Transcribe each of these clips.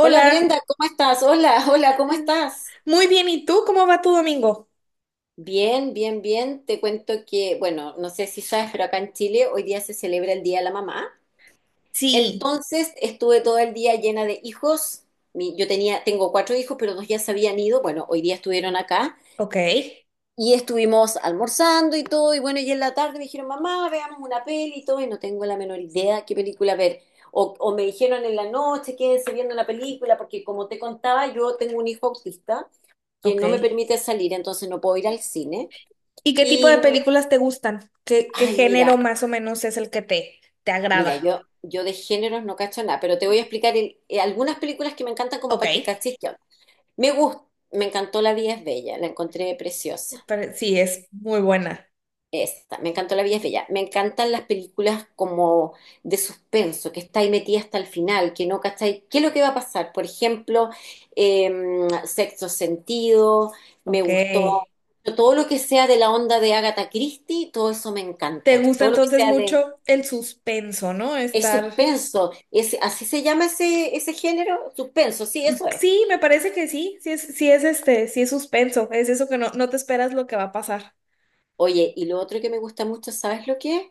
Hola Brenda, ¿cómo estás? Hola, hola, ¿cómo estás? muy bien, ¿y tú? ¿Cómo va tu domingo? Bien, bien, bien. Te cuento que, bueno, no sé si sabes, pero acá en Chile hoy día se celebra el Día de la Mamá. Sí, Entonces estuve todo el día llena de hijos. Yo tenía, tengo cuatro hijos, pero dos ya se habían ido. Bueno, hoy día estuvieron acá ok, y estuvimos almorzando y todo. Y bueno, y en la tarde me dijeron, mamá, veamos una peli y todo. Y no tengo la menor idea qué película ver. O me dijeron en la noche, quédense viendo la película, porque como te contaba, yo tengo un hijo autista que ok. no me permite salir, entonces no puedo ir al cine. ¿Y qué tipo de Y, películas te gustan? ¿Qué ay, mira, género más o menos es el que te mira, agrada? yo de géneros no cacho nada, pero te voy a explicar algunas películas que me encantan como Ok, para que cachis qué onda. Me gusta, me encantó La vida es bella, la encontré preciosa. pero sí, es muy buena. Esta, me encantó La vida es bella. Me encantan las películas como de suspenso, que está ahí metida hasta el final, que no cachai qué es lo que va a pasar. Por ejemplo, eh, Sexto Sentido, me Ok. gustó. Todo lo que sea de la onda de Agatha Christie, todo eso me ¿Te encanta. gusta Todo lo que entonces sea de... mucho el suspenso, no? Es Estar... suspenso. Es, ¿así se llama ese género? Suspenso, sí, eso es. Sí, me parece que sí, sí es este, sí es suspenso, es eso que no te esperas lo que va a pasar. Oye, y lo otro que me gusta mucho, ¿sabes lo que es?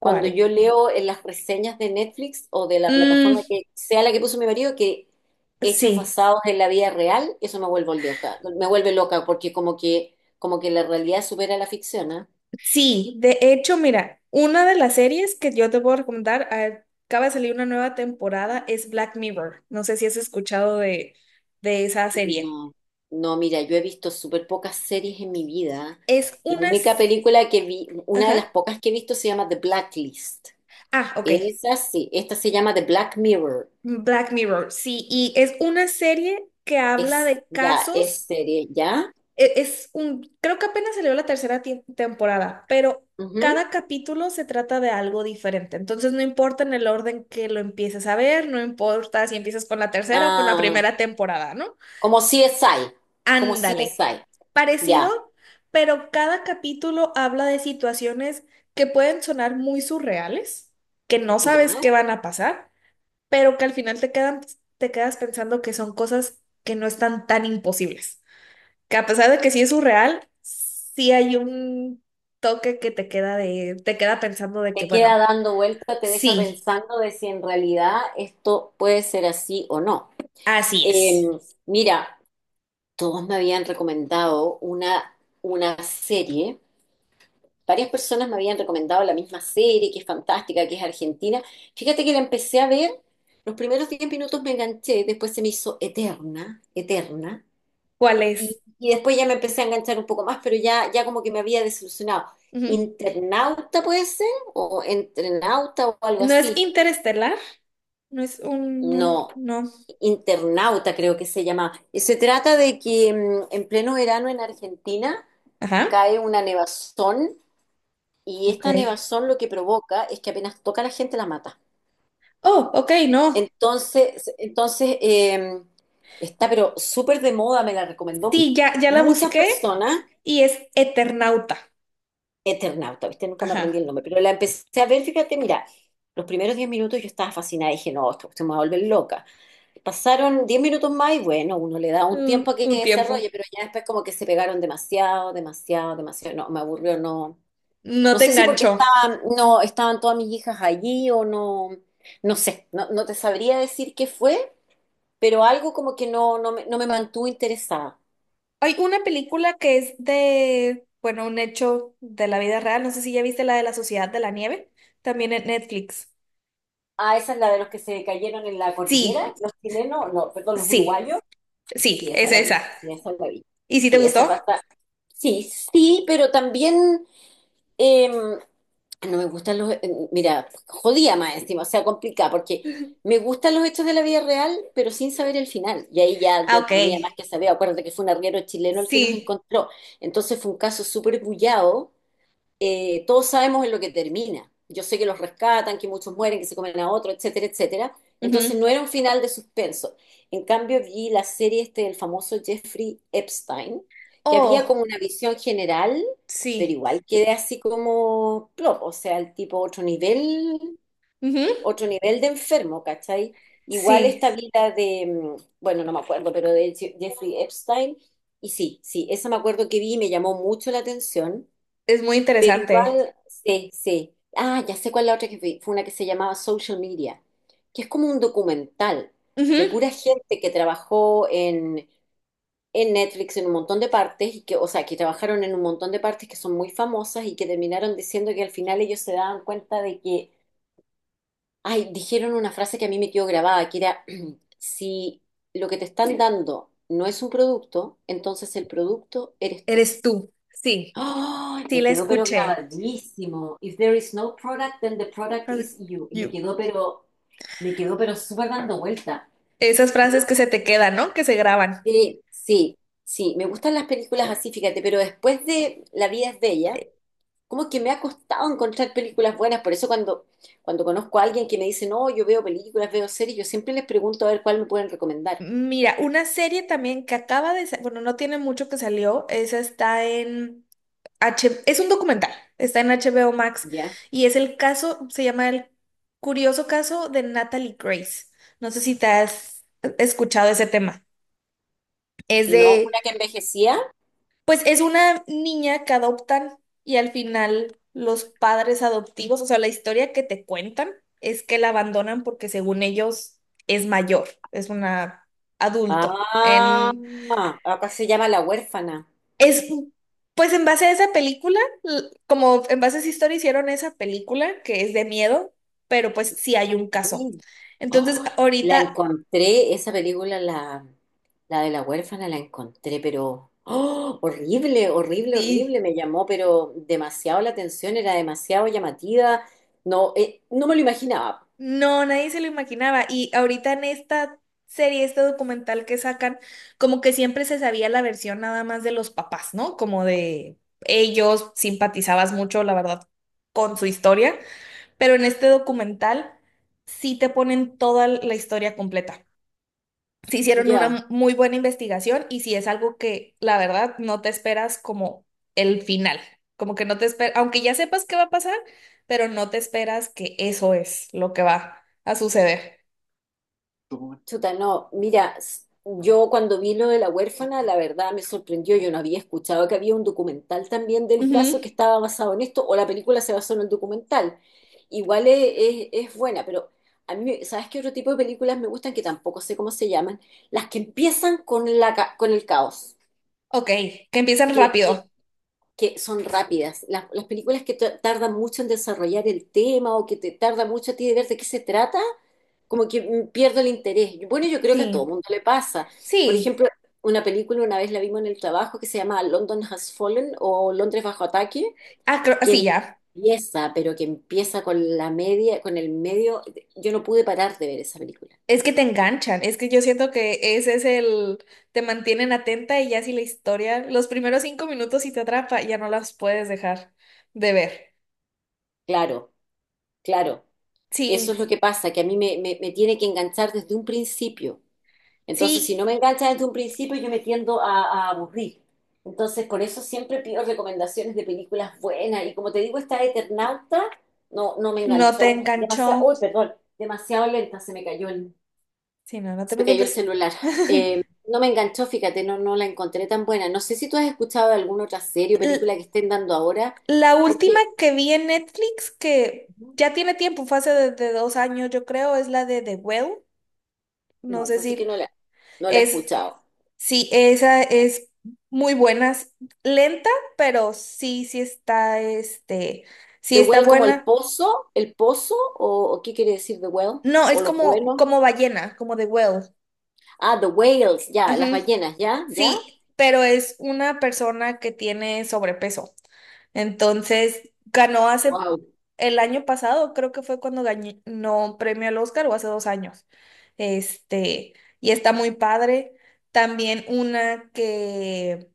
Cuando yo leo en las reseñas de Netflix o de la Mm, plataforma que sea la que puso mi marido, que hechos sí. basados en la vida real, eso me vuelve loca porque como que la realidad supera la ficción, ¿ah? Sí, de hecho, mira, una de las series que yo te puedo recomendar, acaba de salir una nueva temporada, es Black Mirror. No sé si has escuchado de esa serie. No, no, mira, yo he visto súper pocas series en mi vida. Es La una. única película que vi, una de las Ajá. pocas que he visto se llama The Blacklist. Ah, ok. Esa sí, esta se llama The Black Mirror. Black Mirror, sí, y es una serie que habla Es, de ya, es casos. serie, ¿ya? Es un, creo que apenas salió la tercera temporada, pero Ujú. cada capítulo se trata de algo diferente. Entonces no importa en el orden que lo empieces a ver, no importa si empiezas con la tercera o con la Ah, primera temporada, ¿no? como CSI, como Ándale. CSI, Parecido, ya, pero cada capítulo habla de situaciones que pueden sonar muy surreales, que no sabes ya. qué van a pasar, pero que al final te quedan, te quedas pensando que son cosas que no están tan imposibles que a pesar de que sí es surreal, sí hay un toque que te queda de, te queda pensando de que, Te queda bueno, dando vuelta, te deja sí, pensando de si en realidad esto puede ser así o no. así Eh, es. Mira, todos me habían recomendado una serie, varias personas me habían recomendado la misma serie, que es fantástica, que es argentina. Fíjate que la empecé a ver, los primeros 10 minutos me enganché, después se me hizo eterna, eterna. ¿Cuál Y, es? y después ya me empecé a enganchar un poco más, pero ya, ya como que me había desilusionado. Ujú. ¿Internauta puede ser? ¿O entrenauta o algo No es así? interestelar, no es un, no, No, no. internauta creo que se llama. Y se trata de que en pleno verano en Argentina Ajá, cae una nevazón y ok. esta nevazón lo que provoca es que apenas toca a la gente la mata. Oh, ok, no. Entonces, está pero súper de moda, me la recomendó Sí, ya, ya la muchas busqué personas. y es Eternauta. Eternauta, ¿viste? Nunca me aprendí Ajá. el nombre, pero la empecé a ver, fíjate, mira, los primeros 10 minutos yo estaba fascinada, dije, no, esto se me va a volver loca. Pasaron 10 minutos más y bueno, uno le da un Un, tiempo a que un tiempo. desarrolle, pero ya después como que se pegaron demasiado, demasiado, demasiado, no, me aburrió, no. No No te sé si porque enganchó. estaban, no, estaban todas mis hijas allí o no, no sé, no, no te sabría decir qué fue, pero algo como que no, no me mantuvo interesada. Hay una película que es de, bueno, un hecho de la vida real. No sé si ya viste la de la Sociedad de la Nieve, también en Netflix. Ah, esa es la de los que se cayeron en la cordillera, Sí, los chilenos, no, perdón, los sí, uruguayos. sí, Sí, esa es la vi, esa. sí, esa la vi. ¿Y si te Sí, esa gustó? pasa. Sí, sí, pero también no me gustan los, mira, jodía más encima, o sea, complicada, porque me gustan los hechos de la vida real, pero sin saber el final. Y ahí ya Ah, yo ok. tenía más que saber. Acuérdate que fue un arriero chileno el que los Sí. encontró. Entonces fue un caso súper bullado, todos sabemos en lo que termina. Yo sé que los rescatan, que muchos mueren, que se comen a otro, etcétera, etcétera. Entonces Ujú. no era un final de suspenso. En cambio, vi la serie este del famoso Jeffrey Epstein, que había como Oh, una visión general, pero sí. igual quedé así como plop, o sea, el tipo Ujú. otro nivel de enfermo, ¿cachai? Igual Sí, esta vida de, bueno, no me acuerdo, pero de Jeffrey Epstein, y sí, sí, esa me acuerdo que vi y me llamó mucho la atención. es muy Pero interesante. igual, sí, sí. Ah, ya sé cuál es la otra que vi. Fue una que se llamaba Social Media, que es como un documental de Ujú. pura gente que trabajó en Netflix en un montón de partes, y que, o sea, que trabajaron en un montón de partes que son muy famosas y que terminaron diciendo que al final ellos se daban cuenta de que, ay, dijeron una frase que a mí me quedó grabada, que era, si lo que te están dando no es un producto, entonces el producto eres tú. Eres tú. Sí, ¡Ay! sí Me la quedó pero escuché. grabadísimo. If there is no product, then the product is you. Y me You. quedó pero, me quedó pero súper dando vuelta. Esas frases que se te quedan, ¿no? Que se graban. Sí, sí, sí, me gustan las películas así, fíjate, pero después de La vida es bella, como que me ha costado encontrar películas buenas, por eso cuando conozco a alguien que me dice, no, yo veo películas, veo series, yo siempre les pregunto a ver cuál me pueden recomendar. Mira, una serie también que acaba de, bueno, no tiene mucho que salió, esa está en es un documental, está en HBO Max ¿Ya? y es el caso, se llama El curioso caso de Natalie Grace. No sé si te has escuchado ese tema. Es No, de, una que envejecía. pues es una niña que adoptan y al final los padres adoptivos, o sea, la historia que te cuentan es que la abandonan porque según ellos es mayor, es una adulto. Ah, acá se llama La huérfana. Es, pues en base a esa película, como en base a esa historia hicieron esa película que es de miedo, pero pues sí hay un caso. Sí. Entonces, Oh, la ahorita encontré, esa película, la de la huérfana, la encontré, pero oh, horrible, horrible, sí, horrible, me llamó, pero demasiado la atención, era demasiado llamativa, no, no me lo imaginaba, no, nadie se lo imaginaba. Y ahorita en esta serie, este documental que sacan, como que siempre se sabía la versión nada más de los papás, ¿no? Como de ellos simpatizabas mucho, la verdad, con su historia, pero en este documental sí te ponen toda la historia completa. Sí hicieron ya. una muy buena investigación y si es algo que la verdad no te esperas como el final, como que no te esperas, aunque ya sepas qué va a pasar, pero no te esperas que eso es lo que va a suceder. Chuta, no, mira, yo cuando vi lo de la huérfana, la verdad me sorprendió, yo no había escuchado que había un documental también del caso que Ujú. estaba basado en esto, o la película se basó en el documental. Igual es, es buena, pero a mí, ¿sabes qué otro tipo de películas me gustan que tampoco sé cómo se llaman? Las que empiezan con con el caos, Ok, que empiezan que, que, rápido. que son rápidas, las películas que tardan mucho en desarrollar el tema o que te tarda mucho a ti de ver de qué se trata, como que pierdo el interés. Bueno, yo creo que a todo Sí, mundo le pasa. Por sí, ejemplo, una película una vez la vimos en el trabajo que se llama London Has Fallen o Londres bajo ataque, ah, ah, que sí, ya. empieza, pero que empieza con la media, con el medio. Yo no pude parar de ver esa película. Es que te enganchan, es que yo siento que ese es el, te mantienen atenta y ya si la historia, los primeros 5 minutos si te atrapa, ya no las puedes dejar de ver. Claro, claro. Eso Sí, es lo que pasa, que a mí me, me tiene que enganchar desde un principio. Entonces, si sí. no me engancha desde un principio, yo me tiendo a aburrir. Entonces, por eso siempre pido recomendaciones de películas buenas. Y como te digo, esta de Eternauta no, no me No te enganchó. enganchó. Demasiado, uy, perdón, demasiado lenta, Sí, no, no te se me cayó el preocupes. celular. No me enganchó, fíjate, no, no la encontré tan buena. No sé si tú has escuchado de alguna otra serie o película L- que estén dando ahora, La última porque que vi en Netflix, que ya tiene tiempo, fue hace de 2 años, yo creo, es la de The Well. No no, sé es así que si no la he es, escuchado. sí, esa es muy buena, es lenta, pero sí, sí está, este, sí The está Well como buena. El pozo, o qué quiere decir The Well, No, es o los como, buenos. como ballena, como The Well. Ah, The Whales, ya, las ballenas, ya, ya. Sí, pero es una persona que tiene sobrepeso. Entonces, ganó hace Wow. el año pasado, creo que fue cuando ganó premio al Oscar o hace 2 años. Este, y está muy padre. También una que,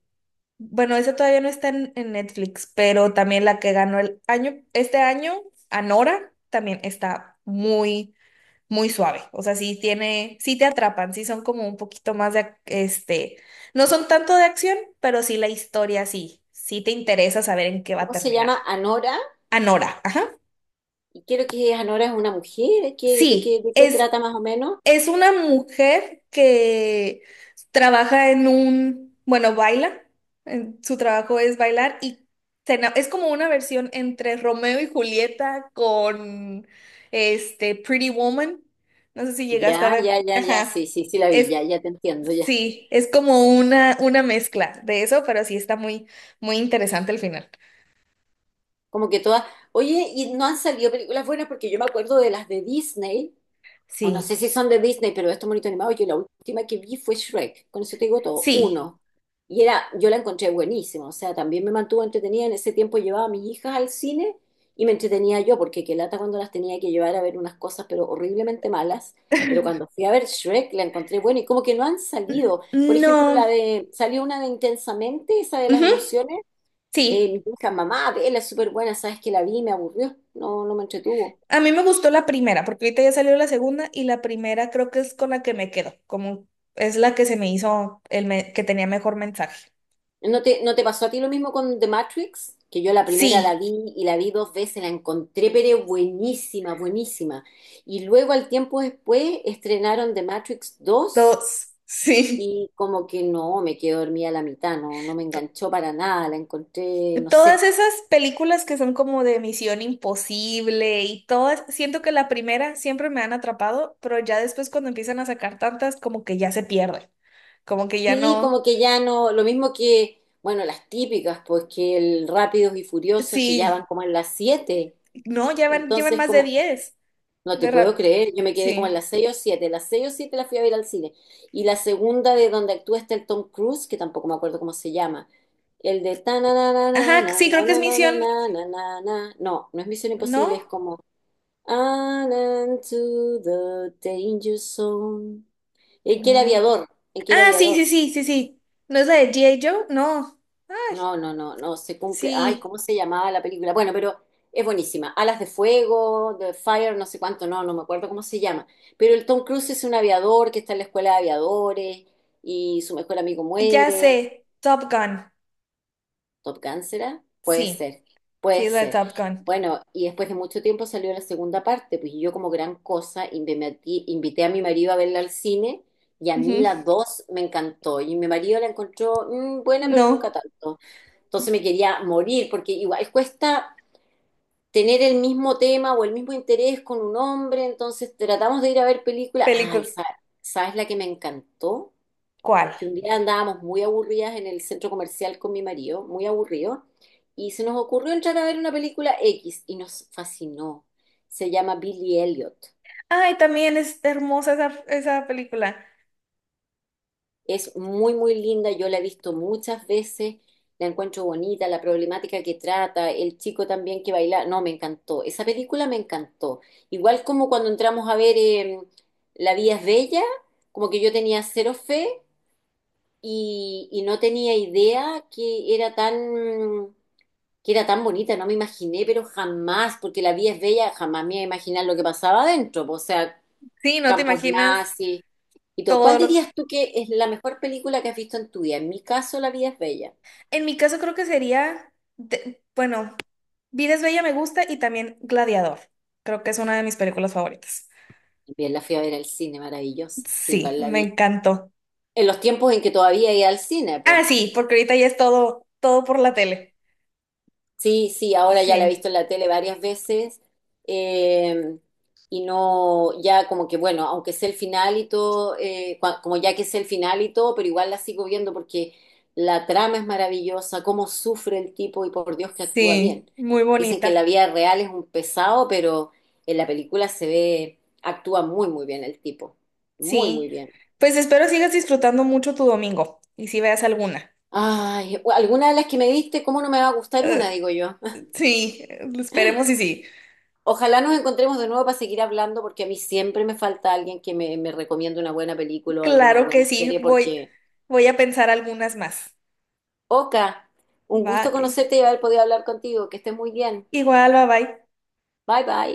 bueno, esa todavía no está en Netflix, pero también la que ganó el año, este año, Anora, también está muy, muy suave. O sea, sí tiene, sí te atrapan, sí son como un poquito más de, este, no son tanto de acción, pero sí la historia, sí, sí te interesa saber en qué va a ¿Cómo se terminar. llama? Anora. Anora, ajá. Y quiero que Anora es una mujer. ¿De qué, de qué, Sí, de qué trata más o menos? es una mujer que trabaja en un, bueno, baila, su trabajo es bailar y es como una versión entre Romeo y Julieta con este Pretty Woman. No sé si llegaste a Ya, ver. ya, ya, ya. Ajá. Sí, sí, sí, la vi, Es. ya, ya te entiendo, ya. Sí, es como una mezcla de eso, pero sí está muy, muy interesante el final. Como que todas. Oye, y no han salido películas buenas porque yo me acuerdo de las de Disney, o no Sí, sé si son de Disney, pero estos monitos animados, yo la última que vi fue Shrek, con eso te digo todo, sí. uno. Y era, yo la encontré buenísima, o sea, también me mantuvo entretenida, en ese tiempo llevaba a mis hijas al cine y me entretenía yo, porque qué lata cuando las tenía que llevar a ver unas cosas, pero horriblemente malas, pero cuando fui a ver Shrek la encontré buena y como que no han salido, por ejemplo, la No. de, salió una de Intensamente, esa de las Ujú, emociones, sí. mi hija, mamá, vela, es súper buena, sabes que la vi, y me aburrió, no, no me entretuvo. A mí me gustó la primera, porque ahorita ya salió la segunda y la primera creo que es con la que me quedo, como es la que se me hizo el que tenía mejor mensaje. ¿No te pasó a ti lo mismo con The Matrix? Que yo la primera la Sí, vi y la vi dos veces, la encontré, pero buenísima, buenísima. Y luego al tiempo después estrenaron The Matrix dos dos, sí. y como que no, me quedé dormida a la mitad, no, no me enganchó para nada, la encontré, no Todas sé. esas películas que son como de Misión Imposible y todas, siento que la primera siempre me han atrapado, pero ya después cuando empiezan a sacar tantas, como que ya se pierden, como que ya Sí, no, como que ya no, lo mismo que, bueno, las típicas, pues que el Rápidos y Furiosos que ya van sí, como en las siete. no, llevan Entonces, más de como, 10 no te de puedo ra- creer, yo me quedé como en sí, las 6 o 7. Las 6 o 7 la fui a ver al cine. Y la segunda de donde actúa está el Tom Cruise, que tampoco me acuerdo cómo se llama. El de ta na na na na ajá, na sí, creo que es na na na Misión, na na na na na. No, no es Misión Imposible, es ¿no? como "And into the danger zone". En que era No. aviador, ¿el que era Ah, sí, sí, aviador? sí, sí, sí, ¿no es la de G.I. Joe? No, ay, No, no, no, no, se cumple. Ay, sí, ¿cómo se llamaba la película? Bueno, pero es buenísima. Alas de Fuego, The Fire, no sé cuánto, no, no me acuerdo cómo se llama. Pero el Tom Cruise es un aviador que está en la escuela de aviadores y su mejor amigo ya muere. sé, Top Gun, ¿Top Gun será? Puede sí, ser, sí, puede es la de ser. Top Gun. Bueno, y después de mucho tiempo salió la segunda parte, pues y yo como gran cosa invité a mi marido a verla al cine y a mí Ujú. la dos me encantó y mi marido la encontró buena, pero nunca No. tanto. Entonces me quería morir, porque igual cuesta tener el mismo tema o el mismo interés con un hombre, entonces tratamos de ir a ver películas. Ay, Película. ¿Sabes, la que me encantó? ¿Cuál? Que un día andábamos muy aburridas en el centro comercial con mi marido, muy aburrido, y se nos ocurrió entrar a ver una película X y nos fascinó. Se llama Billy Elliot. Ay, también es hermosa esa película. Es muy, muy linda, yo la he visto muchas veces, la encuentro bonita, la problemática que trata, el chico también que baila, no, me encantó, esa película me encantó. Igual como cuando entramos a ver La vida es bella, como que yo tenía cero fe y, no tenía idea que era tan, bonita, no me imaginé, pero jamás, porque La vida es bella, jamás me iba a imaginar lo que pasaba adentro, po, o sea, Sí, no te Campos imaginas Nazis y todo. todo ¿Cuál lo. dirías tú que es la mejor película que has visto en tu vida? En mi caso, La vida es bella. En mi caso creo que sería, bueno, Vida es Bella me gusta y también Gladiador. Creo que es una de mis películas favoritas. Bien, la fui a ver al cine, maravillosa. Sí, Sí, igual la me vi. encantó. En los tiempos en que todavía iba al cine, pues. Ah, sí, porque ahorita ya es todo, todo por la tele. Sí, sí, ahora ya la Sí, he visto en la tele varias veces, eh, y no, ya como que bueno, aunque sé el final y todo, como ya que sé el final y todo, pero igual la sigo viendo porque la trama es maravillosa, cómo sufre el tipo y por Dios que actúa sí, bien. muy Dicen que en la bonita. vida real es un pesado, pero en la película se ve, actúa muy, muy bien el tipo, muy, Sí, muy bien. pues espero sigas disfrutando mucho tu domingo y si veas alguna. Ay, alguna de las que me diste, ¿cómo no me va a gustar Eh, una, digo yo? sí, esperemos y sí. Ojalá nos encontremos de nuevo para seguir hablando, porque a mí siempre me falta alguien que me, recomiende una buena película o alguna Claro que buena sí, serie, voy, porque... voy a pensar algunas más. Oka, un gusto Bye. conocerte y haber podido hablar contigo. Que estés muy bien. Igual, bye bye. Bye bye.